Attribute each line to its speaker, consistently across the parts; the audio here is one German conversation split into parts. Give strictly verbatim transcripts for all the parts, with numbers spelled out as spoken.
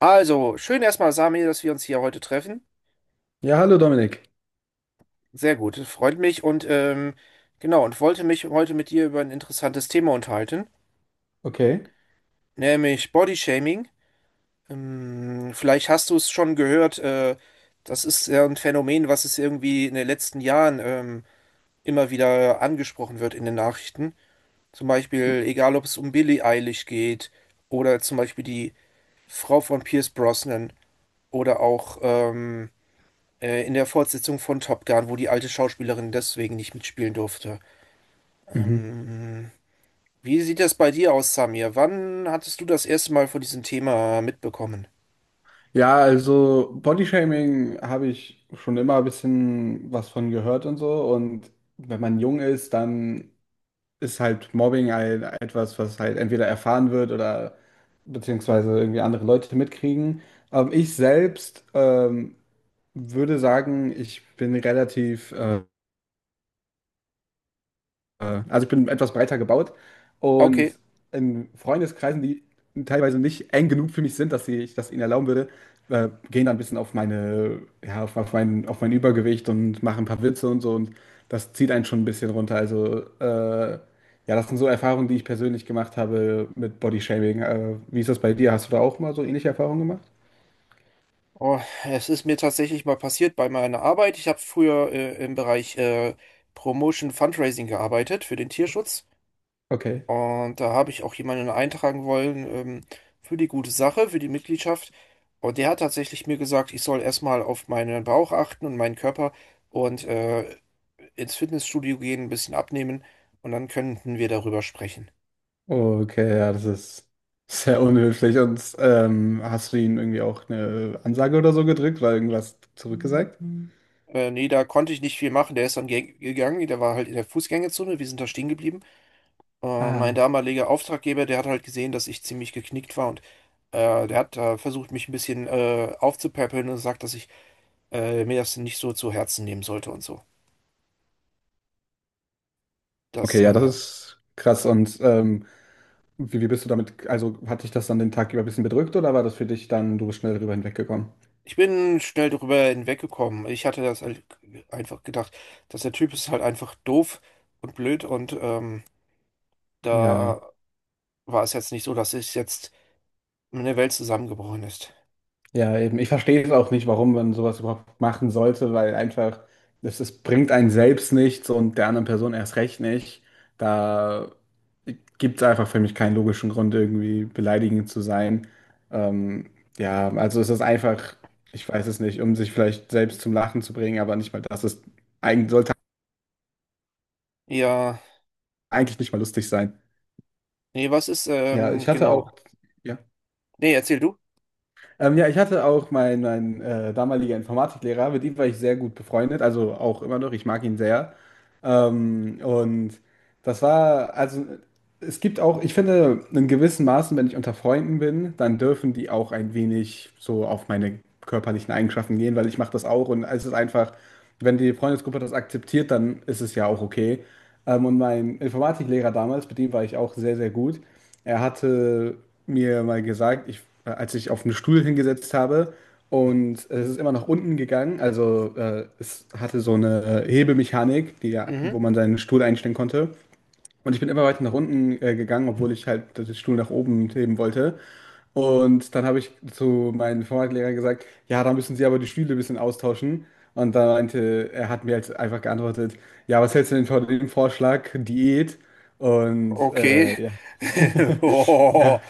Speaker 1: Also, schön erstmal, Sami, dass wir uns hier heute treffen.
Speaker 2: Ja, hallo Dominik.
Speaker 1: Sehr gut, freut mich und ähm, genau, und wollte mich heute mit dir über ein interessantes Thema unterhalten,
Speaker 2: Okay.
Speaker 1: nämlich Bodyshaming. Ähm, vielleicht hast du es schon gehört, äh, das ist ja ein Phänomen, was es irgendwie in den letzten Jahren ähm, immer wieder angesprochen wird in den Nachrichten. Zum Beispiel, egal ob es um Billie Eilish geht oder zum Beispiel die Frau von Pierce Brosnan oder auch ähm, Äh, in der Fortsetzung von Top Gun, wo die alte Schauspielerin deswegen nicht mitspielen durfte.
Speaker 2: Mhm.
Speaker 1: Ähm, wie sieht das bei dir aus, Samir? Wann hattest du das erste Mal von diesem Thema mitbekommen?
Speaker 2: Ja, also Bodyshaming habe ich schon immer ein bisschen was von gehört und so. Und wenn man jung ist, dann ist halt Mobbing ein, etwas, was halt entweder erfahren wird oder beziehungsweise irgendwie andere Leute mitkriegen. Aber ich selbst ähm, würde sagen, ich bin relativ ähm, Äh, Also ich bin etwas breiter gebaut und
Speaker 1: Okay.
Speaker 2: in Freundeskreisen, die teilweise nicht eng genug für mich sind, dass ich das ihnen erlauben würde, äh, gehen dann ein bisschen auf meine, ja, auf, auf mein, auf mein Übergewicht und machen ein paar Witze und so, und das zieht einen schon ein bisschen runter. Also äh, ja, das sind so Erfahrungen, die ich persönlich gemacht habe mit Bodyshaming. Äh, wie ist das bei dir? Hast du da auch mal so ähnliche Erfahrungen gemacht?
Speaker 1: Oh, es ist mir tatsächlich mal passiert bei meiner Arbeit. Ich habe früher äh, im Bereich äh, Promotion Fundraising gearbeitet für den Tierschutz.
Speaker 2: Okay.
Speaker 1: Und da habe ich auch jemanden eintragen wollen, ähm, für die gute Sache, für die Mitgliedschaft. Und der hat tatsächlich mir gesagt, ich soll erstmal auf meinen Bauch achten und meinen Körper und äh, ins Fitnessstudio gehen, ein bisschen abnehmen und dann könnten wir darüber sprechen.
Speaker 2: Okay, ja, das ist sehr unhöflich. Und ähm, hast du ihm irgendwie auch eine Ansage oder so gedrückt oder irgendwas zurückgesagt?
Speaker 1: Äh, nee, da konnte ich nicht viel machen. Der ist dann ge- gegangen, der war halt in der Fußgängerzone, wir sind da stehen geblieben. Äh, mein
Speaker 2: Ah.
Speaker 1: damaliger Auftraggeber, der hat halt gesehen, dass ich ziemlich geknickt war, und äh, der hat äh, versucht, mich ein bisschen äh, aufzupäppeln und sagt, dass ich äh, mir das nicht so zu Herzen nehmen sollte und so. Das,
Speaker 2: Okay, ja, das
Speaker 1: äh,
Speaker 2: ist krass. Und ähm, wie, wie bist du damit, also hat dich das dann den Tag über ein bisschen bedrückt, oder war das für dich dann, du bist schnell darüber hinweggekommen?
Speaker 1: ich bin schnell darüber hinweggekommen. Ich hatte das halt einfach gedacht, dass der Typ ist halt einfach doof und blöd, und ähm,
Speaker 2: Ja.
Speaker 1: da war es jetzt nicht so, dass es jetzt eine Welt zusammengebrochen ist.
Speaker 2: Ja, eben. Ich verstehe es auch nicht, warum man sowas überhaupt machen sollte, weil einfach, es, es bringt einen selbst nichts und der anderen Person erst recht nicht. Da gibt es einfach für mich keinen logischen Grund, irgendwie beleidigend zu sein. Ähm, ja, also es ist einfach, ich weiß es nicht, um sich vielleicht selbst zum Lachen zu bringen, aber nicht mal das ist, eigentlich, sollte
Speaker 1: Ja,
Speaker 2: eigentlich nicht mal lustig sein.
Speaker 1: nee, was ist,
Speaker 2: Ja, ich
Speaker 1: ähm,
Speaker 2: hatte auch,
Speaker 1: genau.
Speaker 2: ja.
Speaker 1: Nee, erzähl du.
Speaker 2: Ähm, ja, ich hatte auch meinen mein, äh, damaliger Informatiklehrer, mit ihm war ich sehr gut befreundet, also auch immer noch, ich mag ihn sehr. Ähm, und das war, also es gibt auch, ich finde, in gewissen Maßen, wenn ich unter Freunden bin, dann dürfen die auch ein wenig so auf meine körperlichen Eigenschaften gehen, weil ich mache das auch, und es ist einfach, wenn die Freundesgruppe das akzeptiert, dann ist es ja auch okay. Ähm, und mein Informatiklehrer damals, mit dem war ich auch sehr, sehr gut. Er hatte mir mal gesagt, ich, äh, als ich auf einen Stuhl hingesetzt habe und es ist immer nach unten gegangen, also äh, es hatte so eine äh, Hebemechanik, die, ja-
Speaker 1: Mhm.
Speaker 2: wo man seinen Stuhl einstellen konnte. Und ich bin immer weiter nach unten äh, gegangen, obwohl ich halt den Stuhl nach oben heben wollte. Und dann habe ich zu meinem Informatiklehrer gesagt, ja, da müssen Sie aber die Stühle ein bisschen austauschen. Und da meinte, er hat mir halt einfach geantwortet, ja, was hältst du denn von dem Vorschlag, Diät? Und
Speaker 1: Okay.
Speaker 2: äh, ja,
Speaker 1: Oh.
Speaker 2: ja,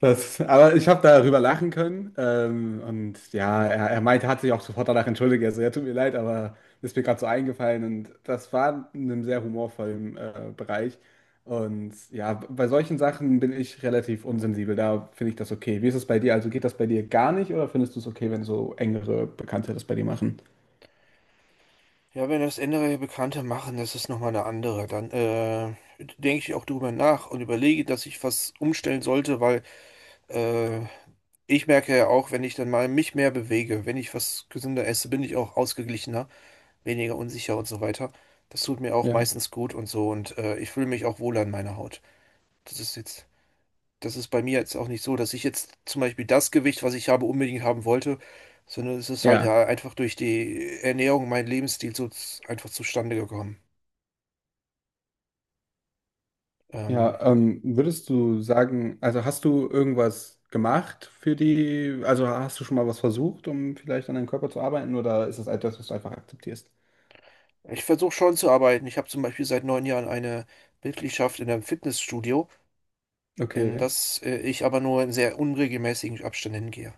Speaker 2: das, aber ich habe darüber lachen können. Ähm, und ja, er, er meinte, hat sich auch sofort danach entschuldigt. Also, ja, tut mir leid, aber ist mir gerade so eingefallen. Und das war in einem sehr humorvollen äh, Bereich. Und ja, bei solchen Sachen bin ich relativ unsensibel. Da finde ich das okay. Wie ist es bei dir? Also geht das bei dir gar nicht, oder findest du es okay, wenn so engere Bekannte das bei dir machen?
Speaker 1: Ja, wenn das andere Bekannte machen, das ist nochmal eine andere. Dann äh, denke ich auch drüber nach und überlege, dass ich was umstellen sollte, weil äh, ich merke ja auch, wenn ich dann mal mich mehr bewege, wenn ich was gesünder esse, bin ich auch ausgeglichener, weniger unsicher und so weiter. Das tut mir auch
Speaker 2: Ja.
Speaker 1: meistens gut und so, und äh, ich fühle mich auch wohler in meiner Haut. Das ist jetzt, das ist bei mir jetzt auch nicht so, dass ich jetzt zum Beispiel das Gewicht, was ich habe, unbedingt haben wollte, sondern es ist halt ja
Speaker 2: Ja.
Speaker 1: einfach durch die Ernährung, mein Lebensstil so z- einfach zustande gekommen. Ähm,
Speaker 2: Ja, ähm, würdest du sagen, also hast du irgendwas gemacht für die, also hast du schon mal was versucht, um vielleicht an deinem Körper zu arbeiten, oder ist das etwas, was du einfach akzeptierst?
Speaker 1: ich versuche schon zu arbeiten. Ich habe zum Beispiel seit neun Jahren eine Mitgliedschaft in einem Fitnessstudio, in
Speaker 2: Okay.
Speaker 1: das äh, ich aber nur in sehr unregelmäßigen Abständen hingehe.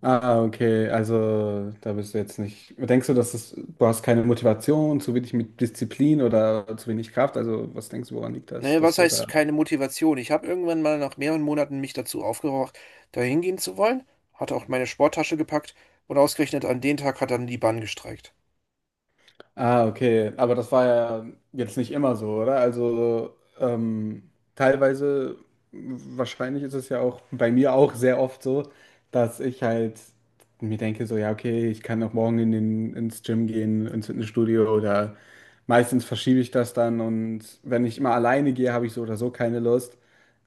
Speaker 2: Ah, okay, also da bist du jetzt nicht. Denkst du, dass es, du hast keine Motivation, zu wenig mit Disziplin oder zu wenig Kraft? Also was denkst du, woran liegt das,
Speaker 1: Ne,
Speaker 2: dass
Speaker 1: was
Speaker 2: du
Speaker 1: heißt
Speaker 2: da
Speaker 1: keine Motivation? Ich habe irgendwann mal nach mehreren Monaten mich dazu aufgeraucht, da hingehen zu wollen, hatte auch meine Sporttasche gepackt und ausgerechnet an den Tag hat dann die Bahn gestreikt.
Speaker 2: Ah, okay. Aber das war ja jetzt nicht immer so, oder? Also ähm, teilweise, wahrscheinlich ist es ja auch bei mir auch sehr oft so, dass ich halt mir denke, so, ja, okay, ich kann auch morgen in den, ins Gym gehen, ins Fitnessstudio, oder meistens verschiebe ich das dann, und wenn ich immer alleine gehe, habe ich so oder so keine Lust.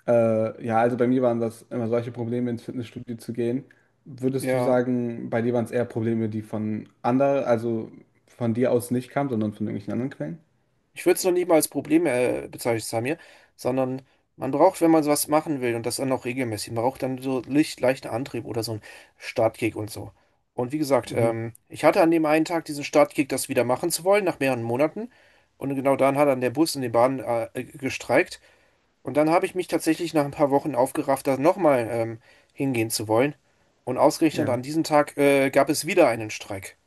Speaker 2: Äh, ja, also bei mir waren das immer solche Probleme, ins Fitnessstudio zu gehen. Würdest du
Speaker 1: Ja,
Speaker 2: sagen, bei dir waren es eher Probleme, die von anderen, also von dir aus nicht kamen, sondern von irgendwelchen anderen Quellen?
Speaker 1: ich würde es noch nicht mal als Problem äh, bezeichnen, Samir, sondern man braucht, wenn man sowas machen will und das dann auch regelmäßig, man braucht dann so leicht, leichten Antrieb oder so einen Startkick und so. Und wie gesagt,
Speaker 2: Mhm.
Speaker 1: ähm, ich hatte an dem einen Tag diesen Startkick, das wieder machen zu wollen, nach mehreren Monaten. Und genau dann hat dann der Bus und die Bahn äh, gestreikt. Und dann habe ich mich tatsächlich nach ein paar Wochen aufgerafft, da nochmal ähm, hingehen zu wollen. Und ausgerechnet an
Speaker 2: Ja.
Speaker 1: diesem Tag äh, gab es wieder einen Streik.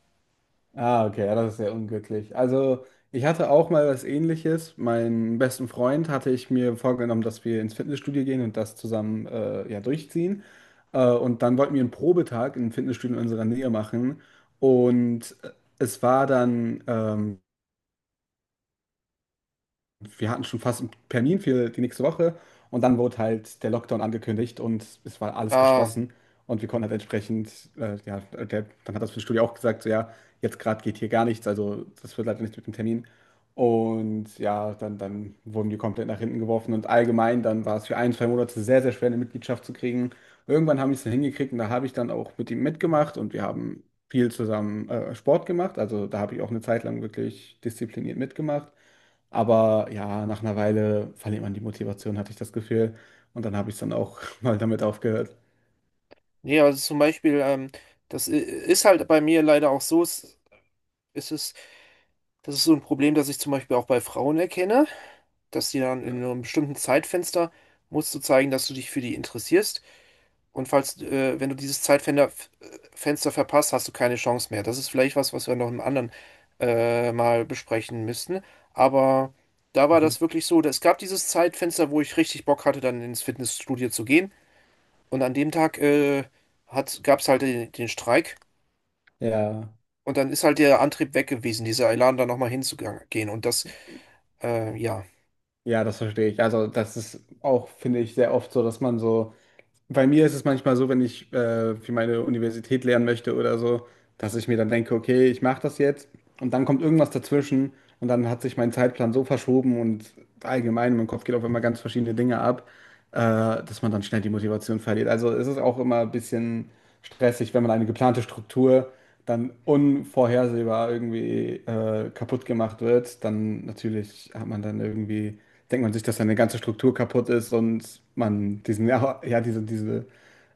Speaker 2: Ah, okay, ja, das ist sehr unglücklich. Also, ich hatte auch mal was Ähnliches. Meinen besten Freund hatte ich mir vorgenommen, dass wir ins Fitnessstudio gehen und das zusammen äh, ja, durchziehen. Äh, und dann wollten wir einen Probetag im Fitnessstudio in unserer Nähe machen. Und äh, es war dann ähm, wir hatten schon fast einen Termin für die nächste Woche, und dann wurde halt der Lockdown angekündigt und es war alles
Speaker 1: Ah,
Speaker 2: geschlossen, und wir konnten halt entsprechend äh, ja, der dann hat das Fitnessstudio auch gesagt, so: „Ja, jetzt gerade geht hier gar nichts, also das wird leider nicht mit dem Termin.“ Und ja, dann dann wurden die komplett nach hinten geworfen, und allgemein dann war es für ein, zwei Monate sehr, sehr schwer, eine Mitgliedschaft zu kriegen. Irgendwann habe ich es dann hingekriegt, und da habe ich dann auch mit ihm mitgemacht und wir haben viel zusammen, äh, Sport gemacht. Also, da habe ich auch eine Zeit lang wirklich diszipliniert mitgemacht. Aber ja, nach einer Weile verliert man die Motivation, hatte ich das Gefühl. Und dann habe ich es dann auch mal damit aufgehört.
Speaker 1: nee, also zum Beispiel, ähm, das i- ist halt bei mir leider auch so, es es ist, das ist so ein Problem, das ich zum Beispiel auch bei Frauen erkenne, dass die dann in einem bestimmten Zeitfenster musst du zeigen, dass du dich für die interessierst. Und falls, äh, wenn du dieses Zeitfenster f- Fenster verpasst, hast du keine Chance mehr. Das ist vielleicht was, was wir noch im anderen äh, mal besprechen müssten. Aber da war
Speaker 2: Mhm.
Speaker 1: das wirklich so. Es gab dieses Zeitfenster, wo ich richtig Bock hatte, dann ins Fitnessstudio zu gehen. Und an dem Tag äh, hat, gab es halt den, den Streik.
Speaker 2: Ja,
Speaker 1: Und dann ist halt der Antrieb weg gewesen, dieser Elan da nochmal hinzugehen. Und das, äh, ja,
Speaker 2: ja, das verstehe ich. Also das ist auch, finde ich, sehr oft so, dass man so bei mir ist es manchmal so, wenn ich äh, für meine Universität lernen möchte oder so, dass ich mir dann denke, okay, ich mache das jetzt, und dann kommt irgendwas dazwischen und dann hat sich mein Zeitplan so verschoben, und allgemein in meinem Kopf geht auf einmal ganz verschiedene Dinge ab, äh, dass man dann schnell die Motivation verliert. Also es ist auch immer ein bisschen stressig, wenn man eine geplante Struktur dann unvorhersehbar irgendwie äh, kaputt gemacht wird, dann natürlich hat man dann irgendwie denkt man sich, dass seine ganze Struktur kaputt ist und man diesen, ja, ja, diese, diese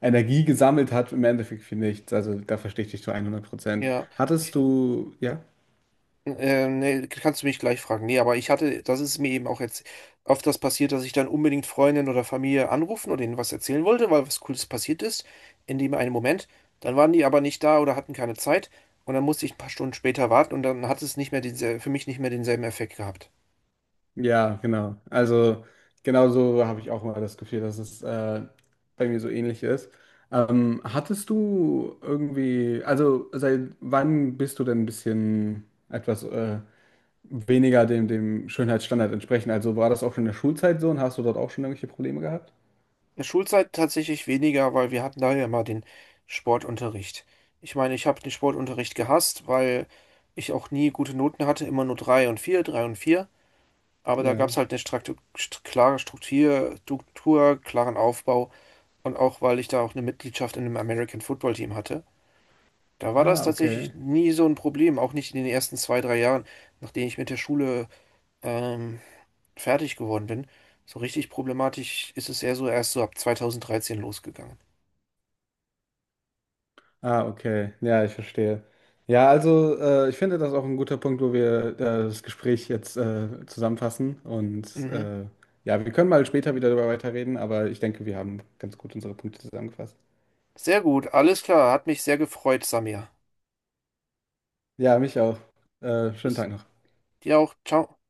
Speaker 2: Energie gesammelt hat, im Endeffekt für nichts. Also da verstehe ich dich zu hundert Prozent.
Speaker 1: ja.
Speaker 2: Hattest du, ja?
Speaker 1: Ähm, nee, kannst du mich gleich fragen. Nee, aber ich hatte, das ist mir eben auch jetzt oft das passiert, dass ich dann unbedingt Freundin oder Familie anrufen oder ihnen was erzählen wollte, weil was Cooles passiert ist, in dem einen Moment. Dann waren die aber nicht da oder hatten keine Zeit, und dann musste ich ein paar Stunden später warten und dann hat es nicht mehr diese, für mich nicht mehr denselben Effekt gehabt.
Speaker 2: Ja, genau. Also genauso habe ich auch mal das Gefühl, dass es äh, bei mir so ähnlich ist. Ähm, hattest du irgendwie, also seit wann bist du denn ein bisschen etwas äh, weniger dem, dem Schönheitsstandard entsprechen? Also war das auch schon in der Schulzeit so, und hast du dort auch schon irgendwelche Probleme gehabt?
Speaker 1: In der Schulzeit tatsächlich weniger, weil wir hatten da ja mal den Sportunterricht. Ich meine, ich habe den Sportunterricht gehasst, weil ich auch nie gute Noten hatte, immer nur drei und vier, drei und vier. Aber da gab
Speaker 2: Ja.
Speaker 1: es halt eine Straktu st klare Struktur, Struktur, klaren Aufbau und auch, weil ich da auch eine Mitgliedschaft in einem American Football Team hatte. Da war das
Speaker 2: Ah,
Speaker 1: tatsächlich
Speaker 2: okay.
Speaker 1: nie so ein Problem, auch nicht in den ersten zwei, drei Jahren, nachdem ich mit der Schule ähm, fertig geworden bin. So richtig problematisch ist es eher so erst so ab zwanzig dreizehn losgegangen.
Speaker 2: Ah, okay. Ja, ich verstehe. Ja, also äh, ich finde das auch ein guter Punkt, wo wir äh, das Gespräch jetzt äh, zusammenfassen. Und
Speaker 1: Mhm.
Speaker 2: äh, ja, wir können mal später wieder darüber weiterreden, aber ich denke, wir haben ganz gut unsere Punkte zusammengefasst.
Speaker 1: Sehr gut, alles klar, hat mich sehr gefreut, Samir.
Speaker 2: Ja, mich auch. Äh, schönen
Speaker 1: Bis
Speaker 2: Tag noch.
Speaker 1: dir auch, ciao.